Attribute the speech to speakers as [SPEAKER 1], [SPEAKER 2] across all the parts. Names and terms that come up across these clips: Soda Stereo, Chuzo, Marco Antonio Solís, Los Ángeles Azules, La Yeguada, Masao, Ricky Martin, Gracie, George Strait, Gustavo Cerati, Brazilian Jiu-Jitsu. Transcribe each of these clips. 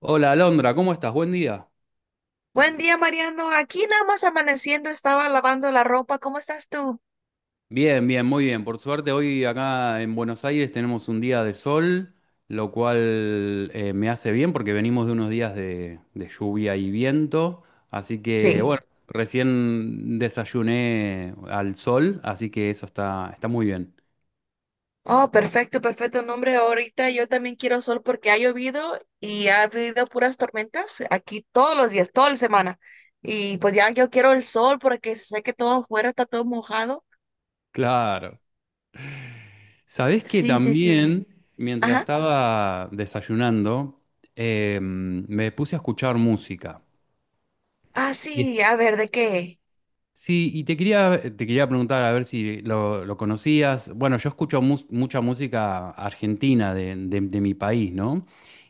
[SPEAKER 1] Hola Alondra, ¿cómo estás? Buen día.
[SPEAKER 2] Buen día, Mariano. Aquí nada más amaneciendo, estaba lavando la ropa. ¿Cómo estás tú?
[SPEAKER 1] Bien, bien, muy bien. Por suerte hoy acá en Buenos Aires tenemos un día de sol, lo cual me hace bien porque venimos de unos días de lluvia y viento. Así que
[SPEAKER 2] Sí.
[SPEAKER 1] bueno, recién desayuné al sol, así que eso está, está muy bien.
[SPEAKER 2] Oh, perfecto, perfecto. No, hombre, ahorita yo también quiero sol porque ha llovido y ha habido puras tormentas aquí todos los días, toda la semana. Y pues ya yo quiero el sol porque sé que todo afuera está todo mojado.
[SPEAKER 1] Claro. ¿Sabés que
[SPEAKER 2] Sí, sí, sí.
[SPEAKER 1] también, mientras
[SPEAKER 2] Ajá.
[SPEAKER 1] estaba desayunando, me puse a escuchar música?
[SPEAKER 2] Ah, sí, a ver, ¿de qué?
[SPEAKER 1] Sí, y te quería preguntar a ver si lo conocías. Bueno, yo escucho mucha música argentina de, de mi país, ¿no?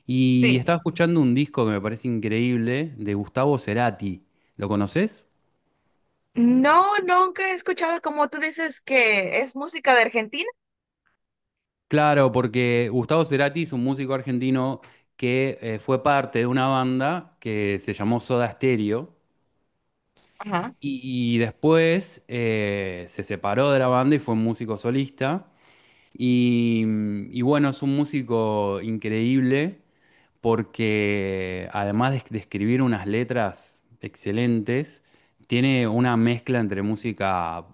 [SPEAKER 1] Y
[SPEAKER 2] Sí.
[SPEAKER 1] estaba escuchando un disco que me parece increíble de Gustavo Cerati. ¿Lo conoces?
[SPEAKER 2] No, nunca he escuchado como tú dices que es música de Argentina.
[SPEAKER 1] Claro, porque Gustavo Cerati es un músico argentino que fue parte de una banda que se llamó Soda Stereo
[SPEAKER 2] Ajá.
[SPEAKER 1] y después se separó de la banda y fue un músico solista. Y bueno, es un músico increíble porque además de escribir unas letras excelentes, tiene una mezcla entre música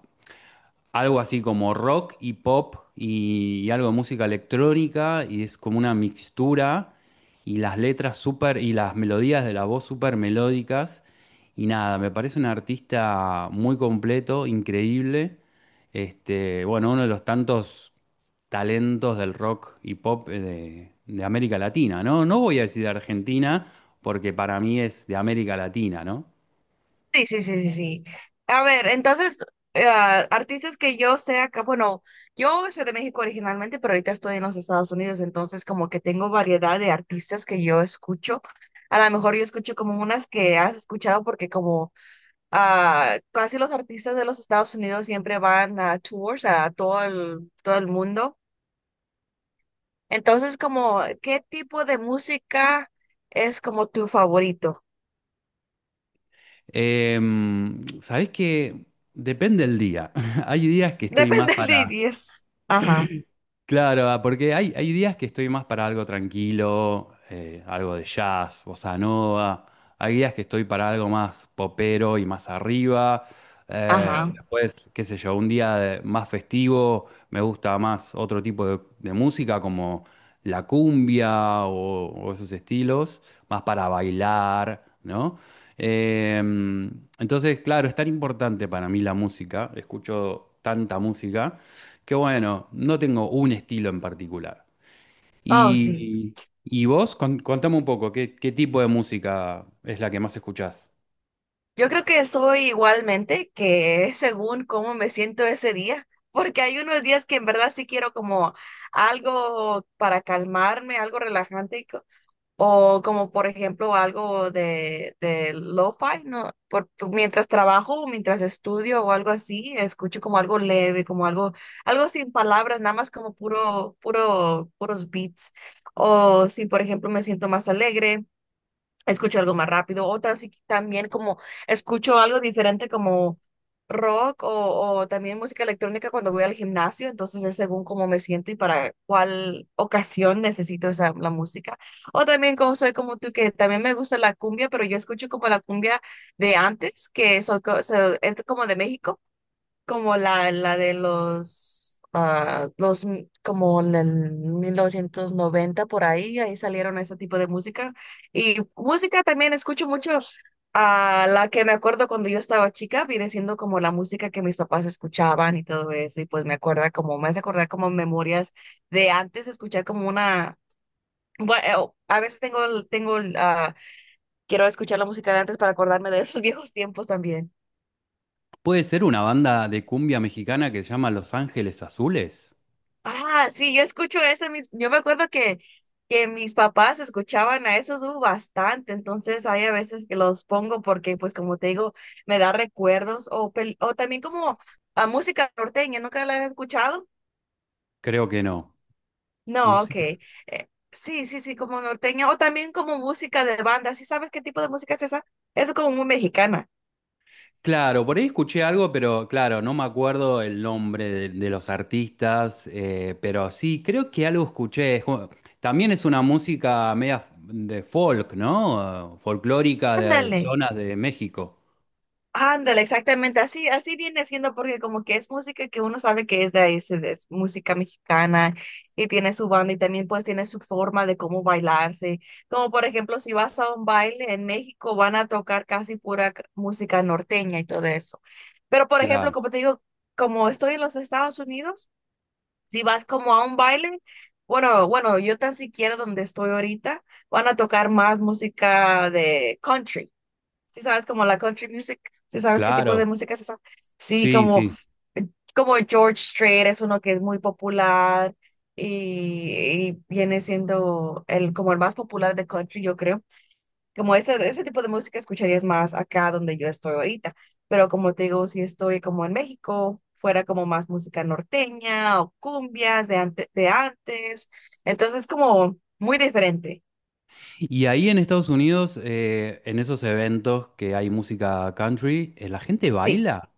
[SPEAKER 1] algo así como rock y pop y algo de música electrónica y es como una mixtura y las letras súper y las melodías de la voz súper melódicas y nada, me parece un artista muy completo, increíble. Este, bueno, uno de los tantos talentos del rock y pop de América Latina, ¿no? No voy a decir de Argentina porque para mí es de América Latina, ¿no?
[SPEAKER 2] Sí, sí, sí, sí, sí. A ver, entonces, eh, artistas que yo sé acá, bueno, yo soy de México originalmente, pero ahorita estoy en los Estados Unidos, entonces como que tengo variedad de artistas que yo escucho. A lo mejor yo escucho como unas que has escuchado porque como casi los artistas de los Estados Unidos siempre van a tours a todo el mundo. Entonces, como, ¿qué tipo de música es como tu favorito?
[SPEAKER 1] Sabés que depende del día. Hay días que estoy más
[SPEAKER 2] Depende del
[SPEAKER 1] para,
[SPEAKER 2] idioma. Ajá,
[SPEAKER 1] claro, porque hay días que estoy más para algo tranquilo, algo de jazz, bossa nova. Hay días que estoy para algo más popero y más arriba.
[SPEAKER 2] ajá.
[SPEAKER 1] Después, qué sé yo, un día más festivo, me gusta más otro tipo de música como la cumbia o esos estilos, más para bailar, ¿no? Em, entonces, claro, es tan importante para mí la música, escucho tanta música. Qué bueno, no tengo un estilo en particular.
[SPEAKER 2] Oh, sí.
[SPEAKER 1] ¿Y, y vos? Contame un poco, ¿qué, qué tipo de música es la que más escuchás?
[SPEAKER 2] Yo creo que soy igualmente, que es según cómo me siento ese día, porque hay unos días que en verdad sí quiero como algo para calmarme, algo relajante, o como por ejemplo algo de lo-fi, ¿no? Por, mientras trabajo, o mientras estudio o algo así, escucho como algo leve, como algo, algo sin palabras, nada más como puros beats. O si por ejemplo me siento más alegre escucho algo más rápido, otras sí también como escucho algo diferente como rock o también música electrónica cuando voy al gimnasio, entonces es según cómo me siento y para cuál ocasión necesito esa, la música. O también como soy como tú, que también me gusta la cumbia, pero yo escucho como la cumbia de antes, que soy, es como de México. Como la de los como en el 1990 por ahí, ahí salieron ese tipo de música. Y música también escucho mucho a la que me acuerdo cuando yo estaba chica, viene siendo como la música que mis papás escuchaban y todo eso. Y pues me acuerda como, me hace acordar como memorias de antes, escuchar como una, bueno, a veces quiero escuchar la música de antes para acordarme de esos viejos tiempos también.
[SPEAKER 1] ¿Puede ser una banda de cumbia mexicana que se llama Los Ángeles Azules?
[SPEAKER 2] Ah, sí, yo escucho eso. Mis, yo me acuerdo que mis papás escuchaban a esos bastante, entonces hay a veces que los pongo porque, pues como te digo, me da recuerdos o, o también como a música norteña, ¿nunca la has escuchado?
[SPEAKER 1] Creo que no.
[SPEAKER 2] No, ok.
[SPEAKER 1] Música.
[SPEAKER 2] Sí, sí, sí, como norteña o también como música de banda, ¿sí sabes qué tipo de música es esa? Es como muy mexicana.
[SPEAKER 1] Claro, por ahí escuché algo, pero claro, no me acuerdo el nombre de los artistas, pero sí, creo que algo escuché. Es como... También es una música media de folk, ¿no? Folclórica de
[SPEAKER 2] Ándale.
[SPEAKER 1] zonas de México.
[SPEAKER 2] Ándale, exactamente, así, así viene siendo porque como que es música que uno sabe que es de ahí, es música mexicana y tiene su banda y también pues tiene su forma de cómo bailarse. Como por ejemplo, si vas a un baile en México van a tocar casi pura música norteña y todo eso. Pero por ejemplo,
[SPEAKER 1] Claro.
[SPEAKER 2] como te digo, como estoy en los Estados Unidos, si vas como a un baile, bueno, bueno, yo tan siquiera donde estoy ahorita, van a tocar más música de country. Si sabes como la country music, si sabes qué tipo de
[SPEAKER 1] Claro,
[SPEAKER 2] música es esa. Sí,
[SPEAKER 1] sí,
[SPEAKER 2] como,
[SPEAKER 1] sí.
[SPEAKER 2] como George Strait es uno que es muy popular y viene siendo el, como el más popular de country, yo creo. Como ese tipo de música escucharías más acá donde yo estoy ahorita. Pero como te digo, si estoy como en México, fuera como más música norteña o cumbias de antes. Entonces como muy diferente.
[SPEAKER 1] ¿Y ahí en Estados Unidos, en esos eventos que hay música country, la gente
[SPEAKER 2] Sí.
[SPEAKER 1] baila?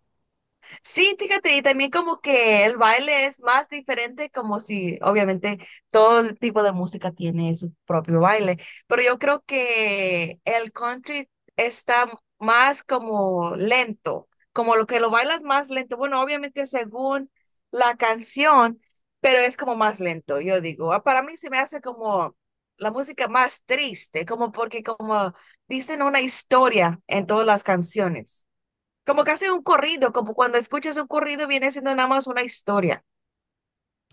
[SPEAKER 2] Sí, fíjate, y también como que el baile es más diferente, como si obviamente todo el tipo de música tiene su propio baile, pero yo creo que el country está más como lento, como lo que lo bailas más lento. Bueno, obviamente según la canción, pero es como más lento, yo digo. Para mí se me hace como la música más triste, como porque como dicen una historia en todas las canciones. Como que hace un corrido, como cuando escuchas un corrido viene siendo nada más una historia.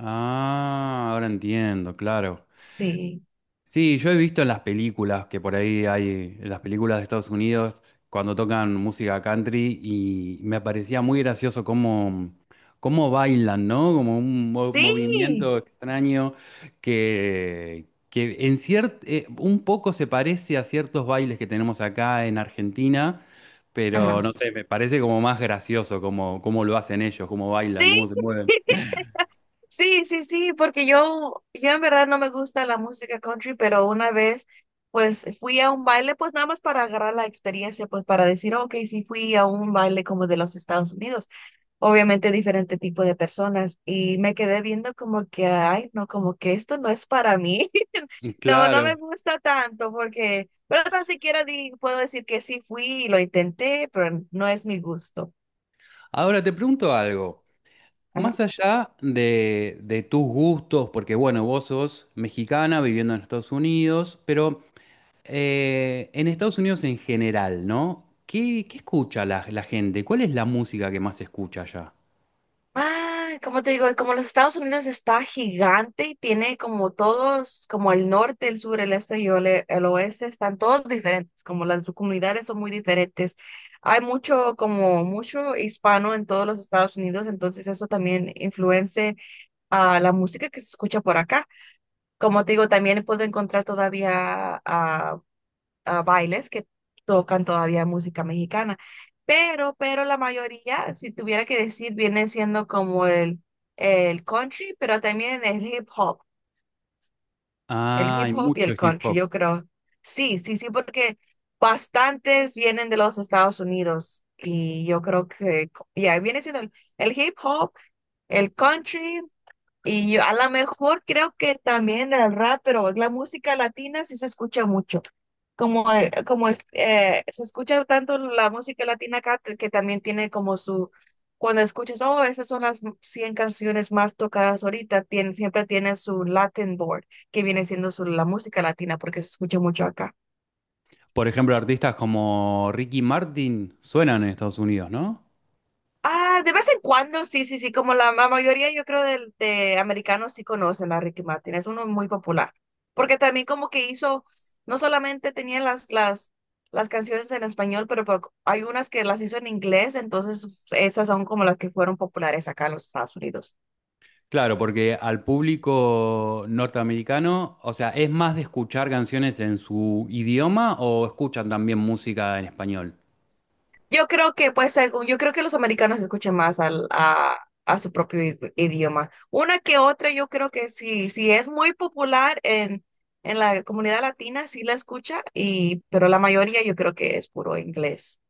[SPEAKER 1] Ah, ahora entiendo, claro.
[SPEAKER 2] Sí.
[SPEAKER 1] Sí, yo he visto en las películas que por ahí hay, en las películas de Estados Unidos, cuando tocan música country, y me parecía muy gracioso cómo, cómo bailan, ¿no? Como un
[SPEAKER 2] Sí.
[SPEAKER 1] movimiento extraño que en un poco se parece a ciertos bailes que tenemos acá en Argentina, pero
[SPEAKER 2] Ajá.
[SPEAKER 1] no sé, me parece como más gracioso cómo, cómo lo hacen ellos, cómo bailan,
[SPEAKER 2] Sí.
[SPEAKER 1] cómo se mueven.
[SPEAKER 2] Sí, sí, sí, porque yo en verdad no me gusta la música country, pero una vez pues fui a un baile, pues nada más para agarrar la experiencia, pues para decir, ok, sí fui a un baile como de los Estados Unidos, obviamente diferente tipo de personas, y me quedé viendo como que, ay, no, como que esto no es para mí, no, no me
[SPEAKER 1] Claro.
[SPEAKER 2] gusta tanto, porque, pero tan siquiera puedo decir que sí fui y lo intenté, pero no es mi gusto.
[SPEAKER 1] Ahora te pregunto algo. Más allá de tus gustos, porque bueno, vos sos mexicana viviendo en Estados Unidos, pero en Estados Unidos en general, ¿no? ¿Qué, qué escucha la, la gente? ¿Cuál es la música que más se escucha allá?
[SPEAKER 2] Ah, como te digo, como los Estados Unidos está gigante y tiene como todos, como el norte, el sur, el este y oeste, están todos diferentes, como las comunidades son muy diferentes. Hay mucho, como mucho hispano en todos los Estados Unidos, entonces eso también influencia a la música que se escucha por acá. Como te digo, también puedo encontrar todavía bailes que tocan todavía música mexicana. Pero la mayoría, si tuviera que decir, viene siendo como el country, pero también el hip hop,
[SPEAKER 1] Ah, hay
[SPEAKER 2] y
[SPEAKER 1] mucho
[SPEAKER 2] el
[SPEAKER 1] hip
[SPEAKER 2] country,
[SPEAKER 1] hop.
[SPEAKER 2] yo creo. Sí, sí, sí, porque bastantes vienen de los Estados Unidos y yo creo que ya viene siendo el hip hop, el country y yo, a lo mejor creo que también el rap, pero la música latina sí se escucha mucho. Como, como se escucha tanto la música latina acá que también tiene como su, cuando escuchas, oh, esas son las 100 canciones más tocadas ahorita, siempre tiene su Latin board, que viene siendo su, la música latina, porque se escucha mucho acá.
[SPEAKER 1] Por ejemplo, ¿artistas como Ricky Martin suenan en Estados Unidos, no?
[SPEAKER 2] Ah, de vez en cuando, sí, sí, sí, como la, mayoría yo creo de americanos sí conocen a Ricky Martin, es uno muy popular, porque también como que hizo, no solamente tenía las canciones en español, pero, hay unas que las hizo en inglés, entonces esas son como las que fueron populares acá en los Estados Unidos.
[SPEAKER 1] Claro, porque al público norteamericano, o sea, ¿es más de escuchar canciones en su idioma o escuchan también música en español?
[SPEAKER 2] Yo creo que, pues, según yo creo que los americanos escuchan más a su propio idioma. Una que otra, yo creo que sí, sí es muy popular en la comunidad latina, sí la escucha, y, pero la mayoría yo creo que es puro inglés.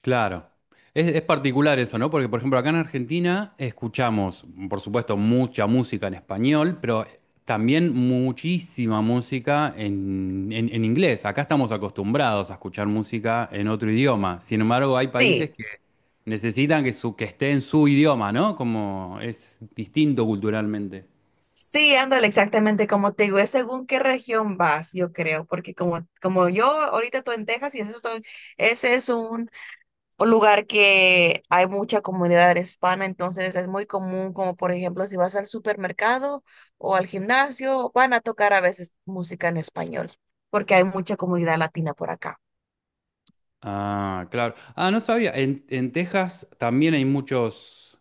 [SPEAKER 1] Claro. Es particular eso, ¿no? Porque, por ejemplo, acá en Argentina escuchamos, por supuesto, mucha música en español, pero también muchísima música en, en inglés. Acá estamos acostumbrados a escuchar música en otro idioma. Sin embargo, hay países
[SPEAKER 2] Sí,
[SPEAKER 1] que necesitan que, su, que esté en su idioma, ¿no? Como es distinto culturalmente.
[SPEAKER 2] sí, ándale, exactamente como te digo, es según qué región vas, yo creo, porque como yo ahorita estoy en Texas y ese, ese es un lugar que hay mucha comunidad hispana, entonces es muy común, como por ejemplo, si vas al supermercado o al gimnasio, van a tocar a veces música en español, porque hay mucha comunidad latina por acá.
[SPEAKER 1] Ah, claro. Ah, no sabía. En Texas también hay muchos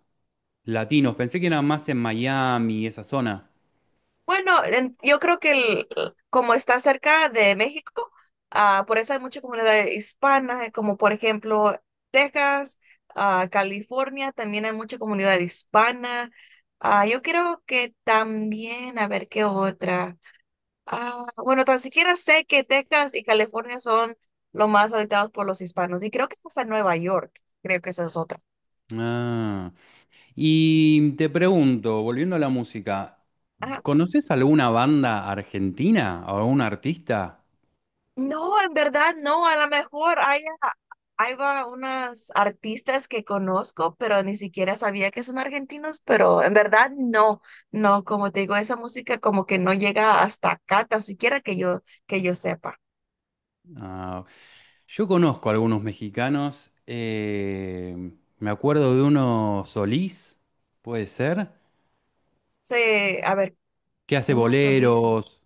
[SPEAKER 1] latinos. Pensé que era más en Miami, esa zona.
[SPEAKER 2] Bueno, yo creo que como está cerca de México, por eso hay mucha comunidad hispana, como por ejemplo Texas, California, también hay mucha comunidad hispana. Yo creo que también, a ver qué otra. Ah, bueno, tan siquiera sé que Texas y California son los más habitados por los hispanos y creo que hasta Nueva York, creo que esa es otra.
[SPEAKER 1] Ah, y te pregunto, volviendo a la música,
[SPEAKER 2] Ah,
[SPEAKER 1] ¿conoces alguna banda argentina o algún artista?
[SPEAKER 2] no, en verdad no, a lo mejor hay va unas artistas que conozco, pero ni siquiera sabía que son argentinos, pero en verdad no, no, como te digo, esa música como que no llega hasta acá, tan siquiera que yo sepa.
[SPEAKER 1] Ah, yo conozco algunos mexicanos. Me acuerdo de uno Solís, puede ser,
[SPEAKER 2] Sí, a ver,
[SPEAKER 1] que hace
[SPEAKER 2] uno solo.
[SPEAKER 1] boleros.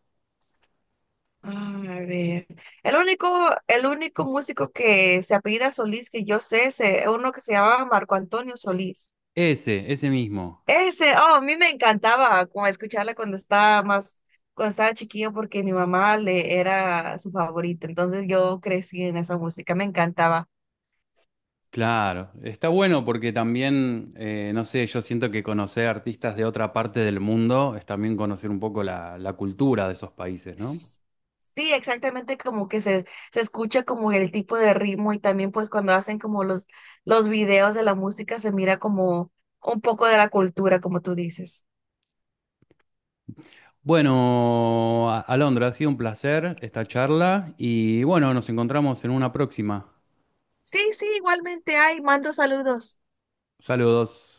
[SPEAKER 2] A ver, el único, el único músico que se apellida Solís que yo sé es uno que se llamaba Marco Antonio Solís.
[SPEAKER 1] Ese mismo.
[SPEAKER 2] Ese, oh, a mí me encantaba como escucharla cuando estaba chiquillo porque mi mamá le era su favorita. Entonces yo crecí en esa música, me encantaba.
[SPEAKER 1] Claro, está bueno porque también, no sé, yo siento que conocer artistas de otra parte del mundo es también conocer un poco la, la cultura de esos países, ¿no?
[SPEAKER 2] S- Sí, exactamente como que se escucha como el tipo de ritmo y también pues cuando hacen como los videos de la música se mira como un poco de la cultura, como tú dices.
[SPEAKER 1] Bueno, Alondra, ha sido un placer esta charla y bueno, nos encontramos en una próxima.
[SPEAKER 2] Sí, sí, igualmente hay, mando saludos.
[SPEAKER 1] Saludos.